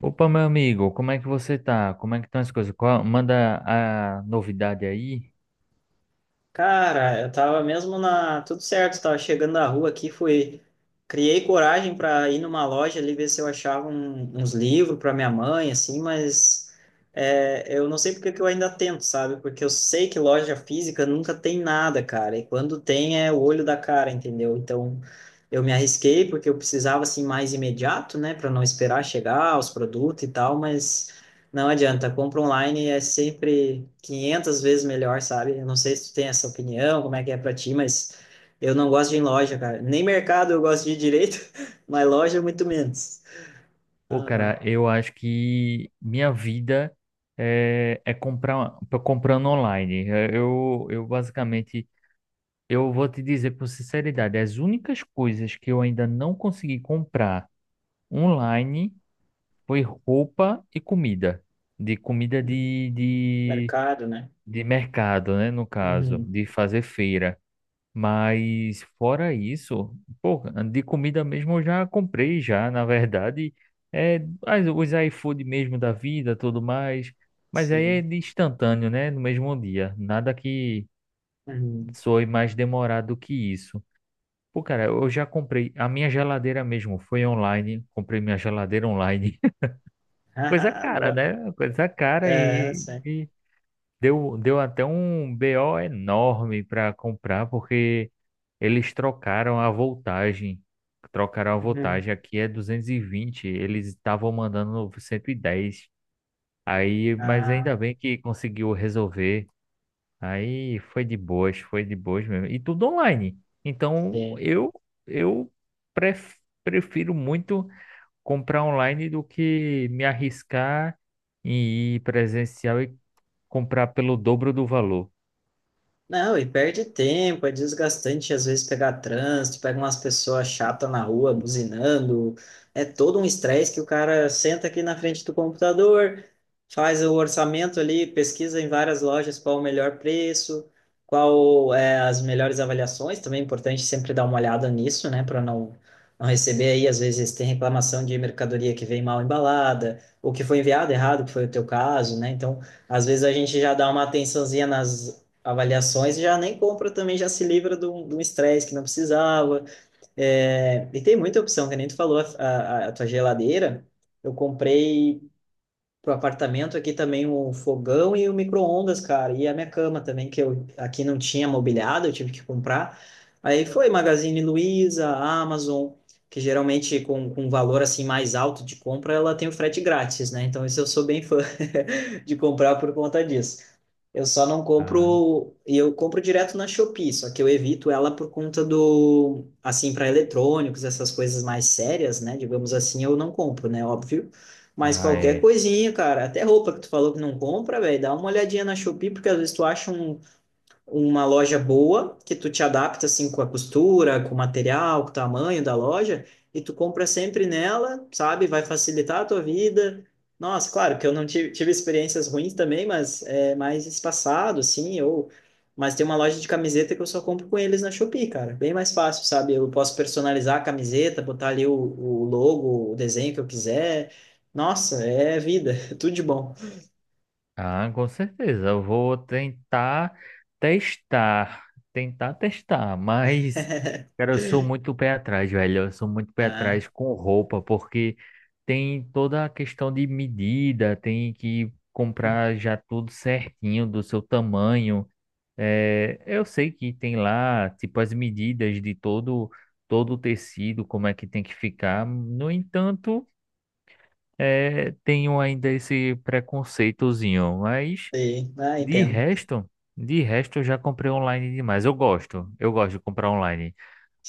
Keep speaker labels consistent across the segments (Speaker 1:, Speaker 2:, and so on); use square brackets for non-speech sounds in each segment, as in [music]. Speaker 1: Opa, meu amigo, como é que você tá? Como é que estão as coisas? Manda a novidade aí.
Speaker 2: Cara, eu tava mesmo na. tudo certo, tava chegando na rua aqui, fui. Criei coragem para ir numa loja ali ver se eu achava uns livros para minha mãe, assim, mas eu não sei porque que eu ainda tento, sabe? Porque eu sei que loja física nunca tem nada, cara, e quando tem é o olho da cara, entendeu? Então eu me arrisquei porque eu precisava assim mais imediato, né, para não esperar chegar os produtos e tal, mas. Não adianta, compra online é sempre 500 vezes melhor, sabe? Eu não sei se tu tem essa opinião, como é que é pra ti, mas eu não gosto de ir em loja, cara. Nem mercado eu gosto de ir direito, [laughs] mas loja é muito menos.
Speaker 1: Pô,
Speaker 2: Não, não.
Speaker 1: cara, eu acho que minha vida é comprar, tô comprando online. Eu basicamente, eu vou te dizer com sinceridade, as únicas coisas que eu ainda não consegui comprar online foi roupa e comida. De comida
Speaker 2: Uhum. Mercado, né?
Speaker 1: de mercado, né? No caso,
Speaker 2: Uhum.
Speaker 1: de fazer feira. Mas fora isso, pô, de comida mesmo eu já comprei já, na verdade, é, os iFood mesmo da vida, tudo mais, mas aí é
Speaker 2: Sim.
Speaker 1: de instantâneo, né, no mesmo dia, nada que
Speaker 2: Uhum.
Speaker 1: soe mais demorado que isso. Pô, cara, eu já comprei a minha geladeira mesmo, foi online, comprei minha geladeira online, [laughs]
Speaker 2: [laughs]
Speaker 1: coisa
Speaker 2: Haha,
Speaker 1: cara,
Speaker 2: boa.
Speaker 1: né, coisa cara
Speaker 2: É,
Speaker 1: e,
Speaker 2: sim.
Speaker 1: e Deu até um BO enorme para comprar, porque eles trocaram a voltagem. Trocaram a
Speaker 2: Uhum.
Speaker 1: voltagem. Aqui é 220, eles estavam mandando 110. Aí, mas
Speaker 2: Ah,
Speaker 1: ainda bem que conseguiu resolver. Aí foi de boas mesmo. E tudo online. Então,
Speaker 2: sim.
Speaker 1: eu pref- prefiro muito comprar online do que me arriscar em ir presencial e comprar pelo dobro do valor.
Speaker 2: Não, e perde tempo, é desgastante às vezes pegar trânsito, pega umas pessoas chatas na rua buzinando, é todo um estresse que o cara senta aqui na frente do computador, faz o orçamento ali, pesquisa em várias lojas qual o melhor preço, qual é as melhores avaliações, também é importante sempre dar uma olhada nisso, né, para não receber aí às vezes tem reclamação de mercadoria que vem mal embalada, ou que foi enviado errado, que foi o teu caso, né? Então, às vezes a gente já dá uma atençãozinha nas avaliações e já nem compra também, já se livra de um estresse que não precisava. É, e tem muita opção, que nem tu falou, a tua geladeira, eu comprei pro apartamento aqui também o fogão e o micro-ondas, cara, e a minha cama também, que eu aqui não tinha mobiliado, eu tive que comprar. Aí foi Magazine Luiza, Amazon, que geralmente com um valor assim mais alto de compra, ela tem o frete grátis, né? Então isso eu sou bem fã [laughs] de comprar por conta disso. Eu só não
Speaker 1: Ah,
Speaker 2: compro, e eu compro direto na Shopee, só que eu evito ela por conta do, assim, para eletrônicos, essas coisas mais sérias, né? Digamos assim, eu não compro, né? Óbvio. Mas
Speaker 1: ah,
Speaker 2: qualquer
Speaker 1: é.
Speaker 2: coisinha, cara, até roupa que tu falou que não compra, velho, dá uma olhadinha na Shopee, porque às vezes tu acha uma loja boa, que tu te adapta assim com a costura, com o material, com o tamanho da loja, e tu compra sempre nela, sabe? Vai facilitar a tua vida. Nossa, claro que eu não tive, tive experiências ruins também, mas é mais espaçado, assim, ou... Mas tem uma loja de camiseta que eu só compro com eles na Shopee, cara. Bem mais fácil, sabe? Eu posso personalizar a camiseta, botar ali o logo, o desenho que eu quiser. Nossa, é vida, [laughs] tudo de bom.
Speaker 1: Ah, com certeza. Eu vou tentar testar. Tentar testar, mas, cara, eu sou muito pé atrás, velho. Eu sou muito pé
Speaker 2: Ah,
Speaker 1: atrás com roupa, porque tem toda a questão de medida, tem que comprar já tudo certinho do seu tamanho. É, eu sei que tem lá, tipo, as medidas de todo o tecido, como é que tem que ficar. No entanto, é, tenho ainda esse preconceitozinho, mas
Speaker 2: sim, ah,
Speaker 1: de
Speaker 2: entendo.
Speaker 1: resto, de resto eu já comprei online demais. Eu gosto de comprar online.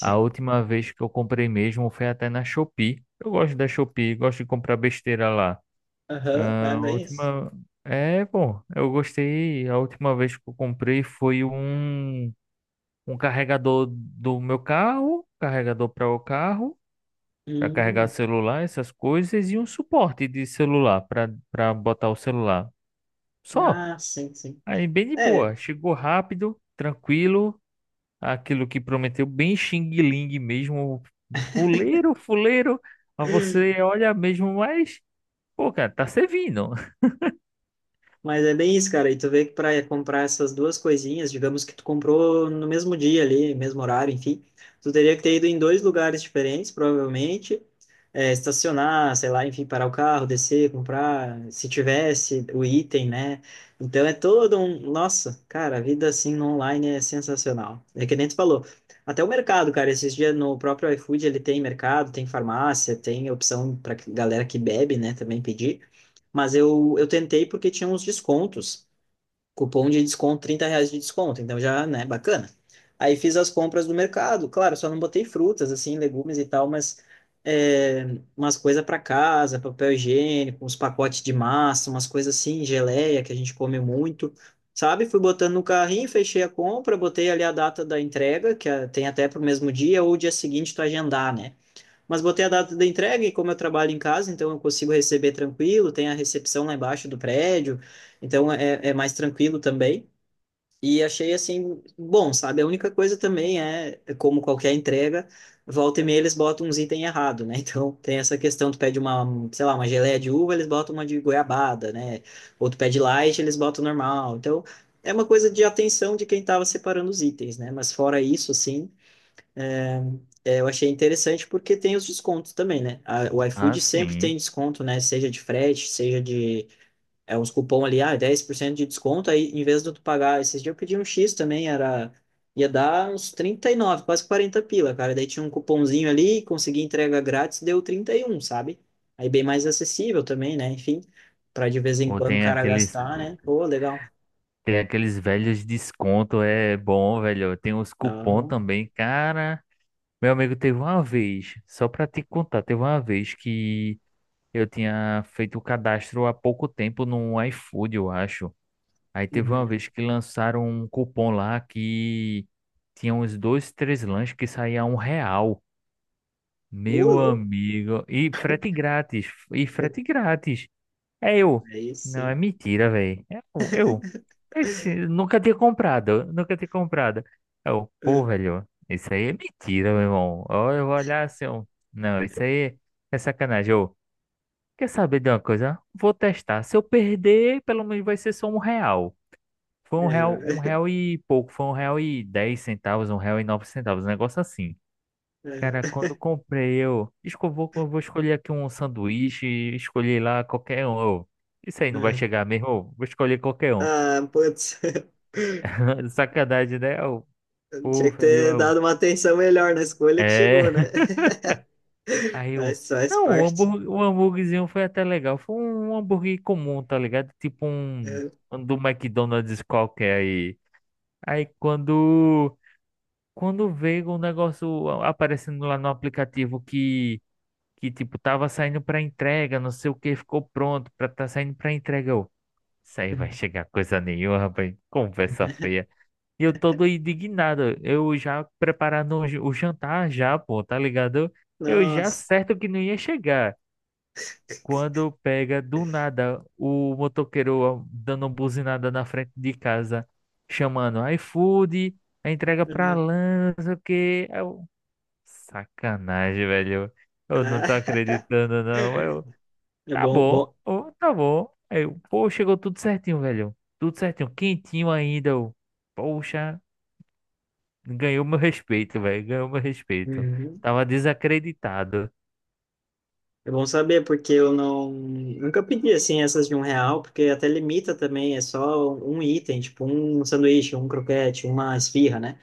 Speaker 1: A última vez que eu comprei mesmo foi até na Shopee. Eu gosto da Shopee, gosto de comprar besteira lá.
Speaker 2: Aham,
Speaker 1: Ah,
Speaker 2: é
Speaker 1: a
Speaker 2: bem isso.
Speaker 1: última. É, bom, eu gostei. A última vez que eu comprei foi um carregador do meu carro, carregador para o carro para carregar
Speaker 2: Hum,
Speaker 1: celular, essas coisas, e um suporte de celular para botar o celular. Só.
Speaker 2: ah, sim, sim.
Speaker 1: Aí bem de
Speaker 2: É,
Speaker 1: boa. Chegou rápido, tranquilo, aquilo que prometeu, bem Xing Ling mesmo, fuleiro, fuleiro. Mas você olha mesmo, mas, pô, cara, tá servindo. [laughs]
Speaker 2: Mas é bem isso, cara. E tu vê que para comprar essas duas coisinhas, digamos que tu comprou no mesmo dia ali, mesmo horário, enfim, tu teria que ter ido em dois lugares diferentes, provavelmente, é, estacionar, sei lá, enfim, parar o carro, descer, comprar, se tivesse o item, né? Então é todo um. Nossa, cara, a vida assim no online é sensacional. É que nem tu falou. Até o mercado, cara, esses dias no próprio iFood ele tem mercado, tem farmácia, tem opção para galera que bebe, né, também pedir. Mas eu tentei porque tinha uns descontos. Cupom de desconto, R$ 30 de desconto. Então já, né, bacana. Aí fiz as compras do mercado. Claro, só não botei frutas, assim, legumes e tal, mas é, umas coisas para casa, papel higiênico, uns pacotes de massa, umas coisas assim, geleia que a gente come muito. Sabe? Fui botando no carrinho, fechei a compra, botei ali a data da entrega, tem até para o mesmo dia ou dia seguinte tu agendar, né? Mas botei a data da entrega e como eu trabalho em casa, então eu consigo receber tranquilo, tem a recepção lá embaixo do prédio, então é, é mais tranquilo também. E achei assim, bom, sabe? A única coisa também é, é como qualquer entrega, volta e meia eles botam uns itens errados, né? [laughs] Então tem essa questão, tu pede uma, sei lá, uma geleia de uva, eles botam uma de goiabada, né? Ou tu pede light, eles botam normal. Então é uma coisa de atenção de quem estava separando os itens, né? Mas fora isso, assim, é, eu achei interessante porque tem os descontos também, né? O
Speaker 1: Ah,
Speaker 2: iFood sempre
Speaker 1: sim.
Speaker 2: tem desconto, né? Seja de frete, seja de uns cupom ali, ah, 10% de desconto, aí em vez de tu pagar, esses dias eu pedi um X também, era ia dar uns 39 quase 40 pila, cara. Daí tinha um cupomzinho ali, consegui entrega grátis, deu 31, sabe? Aí bem mais acessível também, né? Enfim, para de vez em
Speaker 1: Ou
Speaker 2: quando o
Speaker 1: tem
Speaker 2: cara
Speaker 1: aqueles,
Speaker 2: gastar, né? Pô, legal.
Speaker 1: tem aqueles velhos desconto, é bom, velho. Tem os cupom
Speaker 2: Não.
Speaker 1: também, cara. Meu amigo, teve uma vez, só pra te contar, teve uma vez que eu tinha feito o cadastro há pouco tempo no iFood, eu acho. Aí teve uma
Speaker 2: Uhum.
Speaker 1: vez que lançaram um cupom lá que tinha uns dois, três lanches que saía R$ 1.
Speaker 2: Ô,
Speaker 1: Meu
Speaker 2: louco.
Speaker 1: amigo. E frete grátis. E frete grátis. É eu.
Speaker 2: Aí
Speaker 1: Não,
Speaker 2: sim.
Speaker 1: é mentira, velho. Eu. Esse, nunca tinha comprado. Nunca tinha comprado. Pô,
Speaker 2: É,
Speaker 1: velho. Isso aí é mentira, meu irmão. Ó, eu vou olhar assim. Ó. Não, isso aí é sacanagem. Ô. Quer saber de uma coisa? Vou testar. Se eu perder, pelo menos vai ser só R$ 1. Foi um
Speaker 2: é,
Speaker 1: real e pouco. Foi R$ 1,10, R$ 1,09. Um negócio assim. Cara,
Speaker 2: é,
Speaker 1: quando comprei, vou, eu vou escolher aqui um sanduíche, escolhi lá qualquer um. Eu, isso aí não vai
Speaker 2: é.
Speaker 1: chegar mesmo. Eu, vou escolher qualquer um.
Speaker 2: Ah, putz. [laughs]
Speaker 1: [laughs] Sacanagem, né? Eu, pô,
Speaker 2: Tinha que
Speaker 1: velho,
Speaker 2: ter dado
Speaker 1: eu,
Speaker 2: uma atenção melhor na escolha que chegou, né?
Speaker 1: é.
Speaker 2: [laughs]
Speaker 1: Aí eu.
Speaker 2: Mas faz
Speaker 1: Não, o
Speaker 2: parte.
Speaker 1: hambúrguer, o hambúrguerzinho foi até legal. Foi um hambúrguer comum, tá ligado? Tipo um,
Speaker 2: É.
Speaker 1: um do McDonald's qualquer aí. Aí quando, quando veio um negócio aparecendo lá no aplicativo que tipo, tava saindo pra entrega, não sei o que, ficou pronto pra tá saindo pra entrega. Eu, isso aí vai chegar coisa nenhuma, rapaz. Conversa feia. E eu todo indignado. Eu já preparando o jantar já, pô, tá ligado? Eu já
Speaker 2: Nossa.
Speaker 1: certo que não ia chegar. Quando pega do nada o motoqueiro dando uma buzinada na frente de casa, chamando iFood, a entrega pra
Speaker 2: Uhum.
Speaker 1: lá, não sei o quê. Aí eu, sacanagem, velho. Eu não tô
Speaker 2: Ah,
Speaker 1: acreditando, não. Aí eu,
Speaker 2: [laughs] é
Speaker 1: tá
Speaker 2: bom,
Speaker 1: bom,
Speaker 2: bom.
Speaker 1: ô, tá bom. Aí eu, pô, chegou tudo certinho, velho. Tudo certinho, quentinho ainda. Eu, poxa, ganhou meu respeito, velho. Ganhou meu respeito.
Speaker 2: Uhum.
Speaker 1: Tava desacreditado.
Speaker 2: É bom saber, porque eu não nunca pedi assim essas de R$ 1, porque até limita também, é só um item, tipo um sanduíche, um croquete, uma esfirra, né?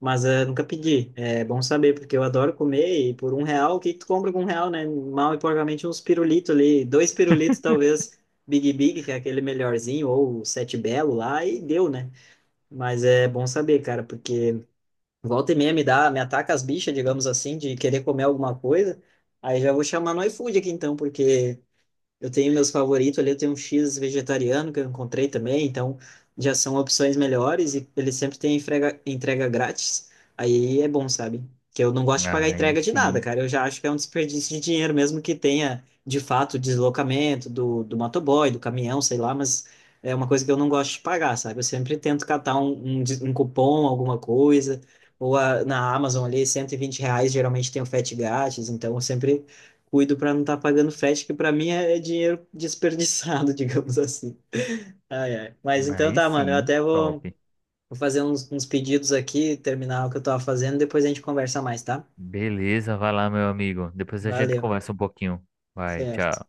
Speaker 2: Mas nunca pedi. É bom saber, porque eu adoro comer e por R$ 1, o que que tu compra com R$ 1, né? Mal e porcamente uns pirulitos ali, dois pirulitos talvez, Big Big, que é aquele melhorzinho, ou o Sete Belo lá, e deu, né? Mas é bom saber, cara, porque volta e meia me dá, me ataca as bichas, digamos assim, de querer comer alguma coisa. Aí já vou chamar no iFood aqui então, porque eu tenho meus favoritos ali, eu tenho um X vegetariano que eu encontrei também, então já são opções melhores e ele sempre tem entrega, entrega grátis. Aí é bom, sabe? Que eu não gosto de pagar
Speaker 1: Aí
Speaker 2: entrega de nada,
Speaker 1: sim,
Speaker 2: cara. Eu já acho que é um desperdício de dinheiro, mesmo que tenha, de fato, o deslocamento do motoboy, do caminhão, sei lá, mas é uma coisa que eu não gosto de pagar, sabe? Eu sempre tento catar um cupom, alguma coisa, ou na Amazon ali, R$ 120, geralmente tem o frete grátis, então eu sempre cuido para não estar pagando frete, que para mim é dinheiro desperdiçado, [laughs] digamos assim. Ai, ai. Mas então
Speaker 1: aí
Speaker 2: tá, mano, eu
Speaker 1: sim,
Speaker 2: até
Speaker 1: top.
Speaker 2: vou, vou fazer uns pedidos aqui, terminar o que eu tava fazendo, depois a gente conversa mais, tá?
Speaker 1: Beleza, vai lá, meu amigo. Depois a gente
Speaker 2: Valeu.
Speaker 1: conversa um pouquinho. Vai,
Speaker 2: Certo.
Speaker 1: tchau.